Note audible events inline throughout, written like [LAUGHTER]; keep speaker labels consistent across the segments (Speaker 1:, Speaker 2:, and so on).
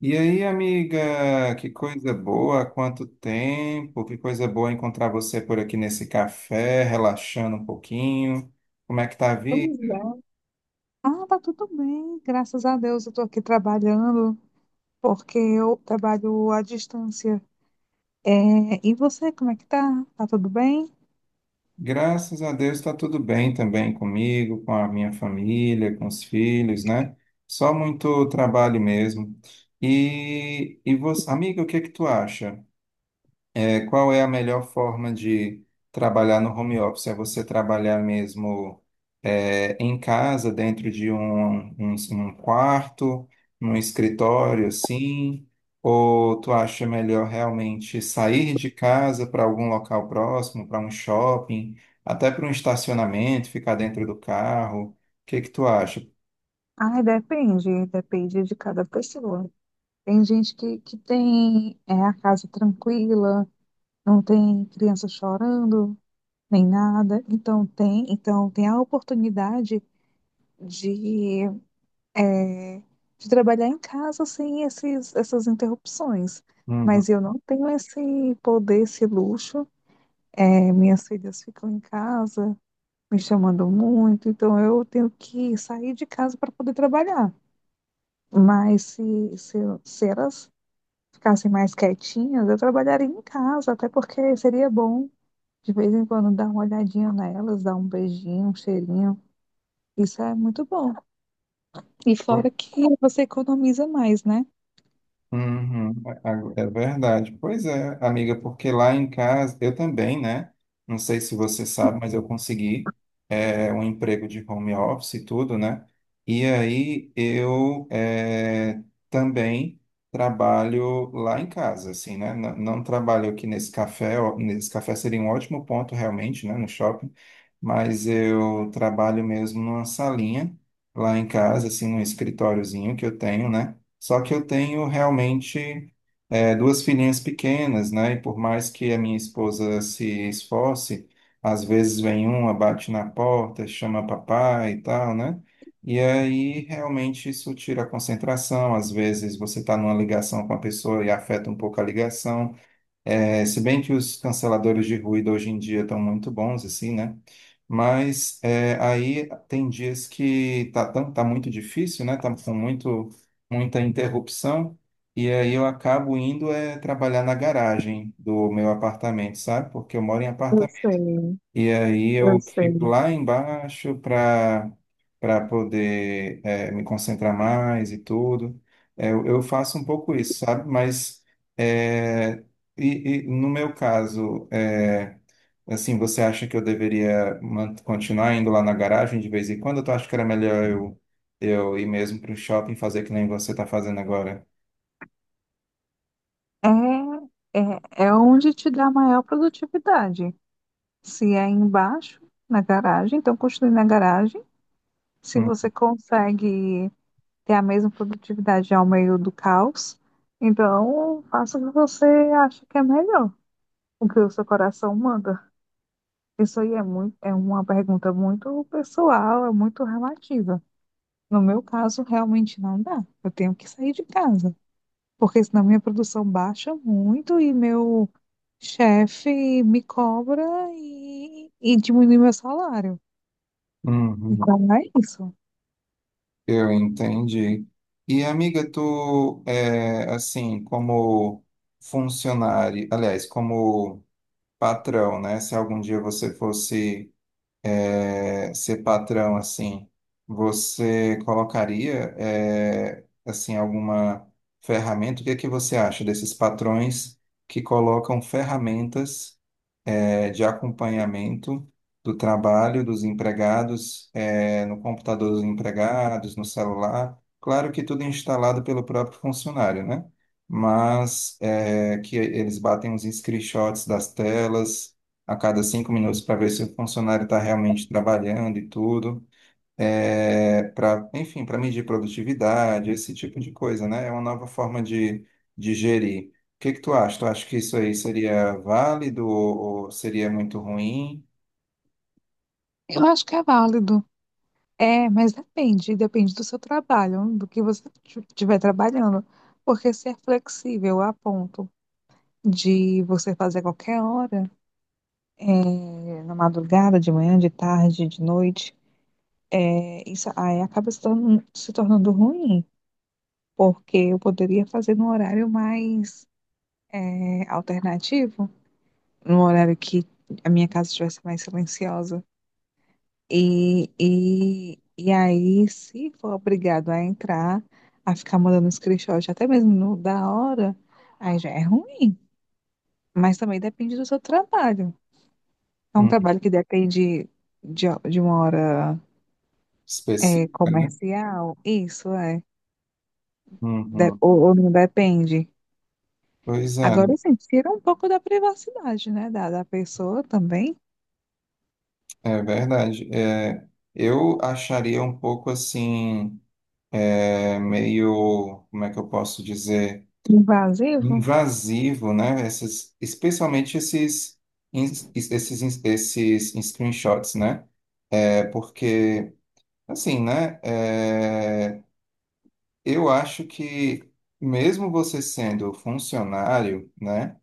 Speaker 1: E aí, amiga, que coisa boa, há quanto tempo, que coisa boa encontrar você por aqui nesse café, relaxando um pouquinho. Como é que tá a vida?
Speaker 2: Pois é. Ah, tá tudo bem, graças a Deus eu tô aqui trabalhando, porque eu trabalho à distância. É, e você, como é que tá? Tá tudo bem?
Speaker 1: Graças a Deus está tudo bem também comigo, com a minha família, com os filhos, né? Só muito trabalho mesmo. E você, amiga, o que é que tu acha? Qual é a melhor forma de trabalhar no home office? É você trabalhar mesmo em casa, dentro de um quarto, num escritório, assim? Ou tu acha melhor realmente sair de casa para algum local próximo, para um shopping, até para um estacionamento, ficar dentro do carro? O que que tu acha?
Speaker 2: Ah, depende, depende de cada pessoa. Tem gente que tem a casa tranquila, não tem criança chorando, nem nada. Então tem a oportunidade de é, de trabalhar em casa sem essas interrupções.
Speaker 1: Uhum.
Speaker 2: Mas eu não tenho esse poder, esse luxo. É, minhas filhas ficam em casa, me chamando muito, então eu tenho que sair de casa para poder trabalhar. Mas se elas ficassem mais quietinhas, eu trabalharia em casa, até porque seria bom de vez em quando dar uma olhadinha nelas, dar um beijinho, um cheirinho. Isso é muito bom. E fora que você economiza mais, né?
Speaker 1: Uhum, é verdade. Pois é, amiga, porque lá em casa, eu também, né? Não sei se você sabe, mas eu consegui um emprego de home office e tudo, né? E aí eu também trabalho lá em casa, assim, né? Não, não trabalho aqui nesse café, ó, nesse café seria um ótimo ponto realmente, né? No shopping, mas eu trabalho mesmo numa salinha lá em casa, assim, num escritóriozinho que eu tenho, né? Só que eu tenho realmente duas filhinhas pequenas, né? E por mais que a minha esposa se esforce, às vezes vem uma, bate na porta, chama papai e tal, né? E aí realmente isso tira a concentração. Às vezes você está numa ligação com a pessoa e afeta um pouco a ligação. É, se bem que os canceladores de ruído hoje em dia estão muito bons, assim, né? Mas aí tem dias que tá muito difícil, né? Tá com muita interrupção. E aí eu acabo indo trabalhar na garagem do meu apartamento, sabe? Porque eu moro em
Speaker 2: Eu
Speaker 1: apartamento.
Speaker 2: sei,
Speaker 1: E aí
Speaker 2: eu
Speaker 1: eu fico
Speaker 2: sei.
Speaker 1: lá embaixo para poder me concentrar mais e tudo. Eu faço um pouco isso, sabe? Mas eh, e no meu caso, assim, você acha que eu deveria continuar indo lá na garagem de vez em quando? Tu acha que era melhor eu ir mesmo para o shopping fazer que nem você está fazendo agora?
Speaker 2: É, é onde te dá maior produtividade. Se é embaixo, na garagem, então construir na garagem. Se
Speaker 1: Hum,
Speaker 2: você consegue ter a mesma produtividade ao meio do caos, então faça o que você acha que é melhor, o que o seu coração manda. Isso aí é muito, é uma pergunta muito pessoal, é muito relativa. No meu caso, realmente não dá. Eu tenho que sair de casa, porque senão minha produção baixa muito e meu chefe me cobra e diminui meu salário.
Speaker 1: uhum.
Speaker 2: Então é isso.
Speaker 1: Eu entendi. E amiga, tu é assim, como funcionário, aliás, como patrão, né? Se algum dia você fosse ser patrão assim, você colocaria assim alguma ferramenta? O que é que você acha desses patrões que colocam ferramentas, de acompanhamento do trabalho dos empregados, no computador dos empregados, no celular. Claro que tudo é instalado pelo próprio funcionário, né? Mas que eles batem uns screenshots das telas a cada 5 minutos para ver se o funcionário está realmente trabalhando e tudo para, enfim, para medir produtividade, esse tipo de coisa, né? É uma nova forma de gerir. O que que tu acha? Tu acha que isso aí seria válido ou seria muito ruim?
Speaker 2: Eu acho que é válido. É, mas depende, depende do seu trabalho, do que você estiver trabalhando. Porque se é flexível a ponto de você fazer a qualquer hora, na madrugada, de manhã, de tarde, de noite, isso aí acaba se tornando ruim, porque eu poderia fazer num horário mais alternativo, no horário que a minha casa estivesse mais silenciosa. E aí, se for obrigado a entrar, a ficar mandando screenshot, até mesmo no- da hora, aí já é ruim. Mas também depende do seu trabalho. É um
Speaker 1: Hum.
Speaker 2: trabalho que depende de uma hora
Speaker 1: Específica, né?
Speaker 2: comercial, isso é. De-
Speaker 1: Uhum.
Speaker 2: ou não depende.
Speaker 1: Pois é,
Speaker 2: Agora, assim, tira um pouco da privacidade, né? Da pessoa também.
Speaker 1: é verdade. É, eu acharia um pouco assim, meio, como é que eu posso dizer?
Speaker 2: Invasivo.
Speaker 1: Invasivo, né? Essas, especialmente esses, esses screenshots, né? É, porque, assim, né? É, eu acho que mesmo você sendo funcionário, né?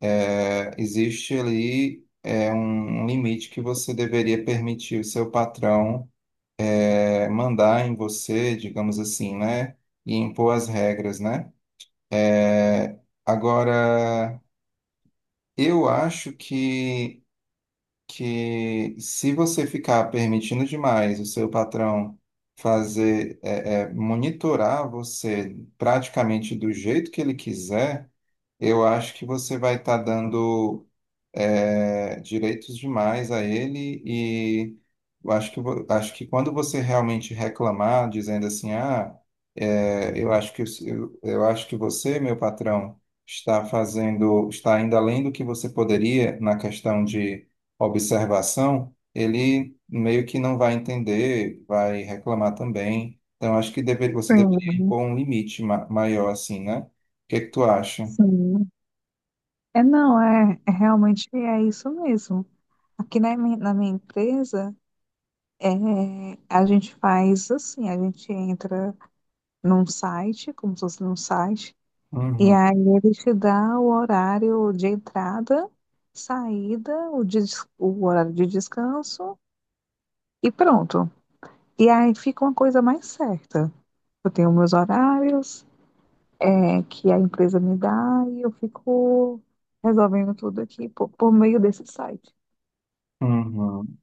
Speaker 1: É, existe ali um limite que você deveria permitir o seu patrão mandar em você, digamos assim, né? E impor as regras, né? É, agora eu acho que se você ficar permitindo demais o seu patrão fazer, monitorar você praticamente do jeito que ele quiser, eu acho que você vai estar dando direitos demais a ele e eu acho que quando você realmente reclamar, dizendo assim, ah, eu acho que você, meu patrão, está fazendo, está indo além do que você poderia na questão de observação, ele meio que não vai entender, vai reclamar também. Então, você deveria
Speaker 2: Sim.
Speaker 1: impor um limite maior, assim, né? O que que tu acha?
Speaker 2: Sim. É, não, é, é realmente é isso mesmo. Aqui na, mi- na minha empresa, é, a gente faz assim, a gente entra num site, como se fosse num site, e
Speaker 1: Uhum,
Speaker 2: aí ele te dá o horário de entrada, saída, o, des- o horário de descanso e pronto. E aí fica uma coisa mais certa. Eu tenho meus horários, é, que a empresa me dá e eu fico resolvendo tudo aqui por meio desse site.
Speaker 1: uhum.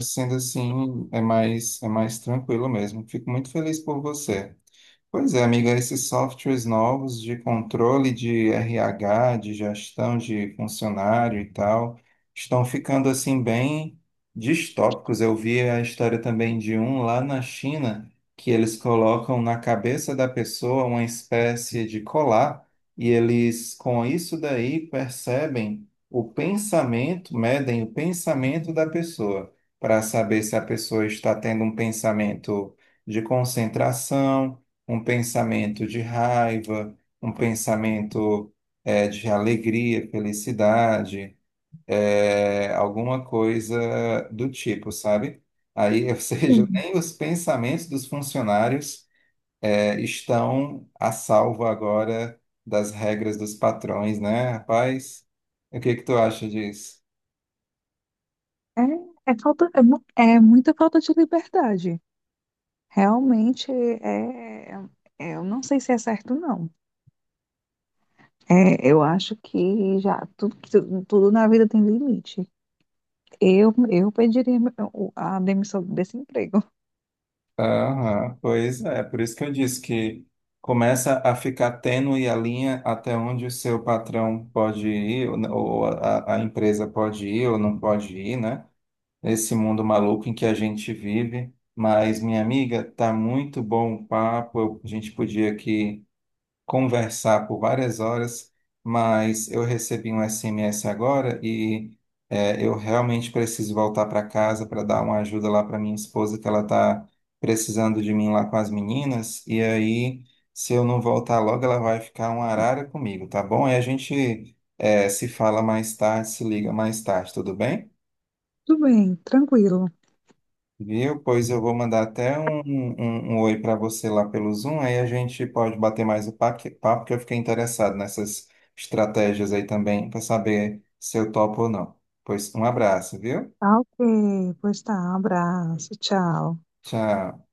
Speaker 1: Sendo assim, é mais tranquilo mesmo. Fico muito feliz por você. Pois é, amiga, esses softwares novos de controle de RH, de gestão de funcionário e tal, estão ficando assim bem distópicos. Eu vi a história também de um lá na China, que eles colocam na cabeça da pessoa uma espécie de colar, e eles com isso daí percebem o pensamento, medem o pensamento da pessoa, para saber se a pessoa está tendo um pensamento de concentração, um pensamento de raiva, um pensamento de alegria, felicidade, alguma coisa do tipo, sabe? Aí, ou [LAUGHS] seja, nem os pensamentos dos funcionários estão a salvo agora das regras dos patrões, né, rapaz? O que que tu acha disso?
Speaker 2: É, é falta, é muita falta de liberdade. Realmente é, é- eu não sei se é certo, não. É, eu acho que já tudo, que tu- tudo na vida tem limite. Eu pediria o- a demissão desse emprego. [LAUGHS]
Speaker 1: Aham, pois é, por isso que eu disse que começa a ficar tênue a linha até onde o seu patrão pode ir, ou né, ou a empresa pode ir ou não pode ir, né? Esse mundo maluco em que a gente vive. Mas, minha amiga, tá muito bom o papo. A gente podia aqui conversar por várias horas, mas eu recebi um SMS agora e eu realmente preciso voltar para casa para dar uma ajuda lá para minha esposa, que ela está precisando de mim lá com as meninas. E aí, se eu não voltar logo, ela vai ficar uma arara comigo, tá bom? E a gente se fala mais tarde, se liga mais tarde, tudo bem?
Speaker 2: Tudo bem, tranquilo.
Speaker 1: Viu? Pois eu vou mandar até um oi para você lá pelo Zoom, aí a gente pode bater mais o papo, porque eu fiquei interessado nessas estratégias aí também, para saber se eu topo ou não. Pois um abraço, viu?
Speaker 2: Tá ok, pois tá, abraço, tchau.
Speaker 1: Tchau.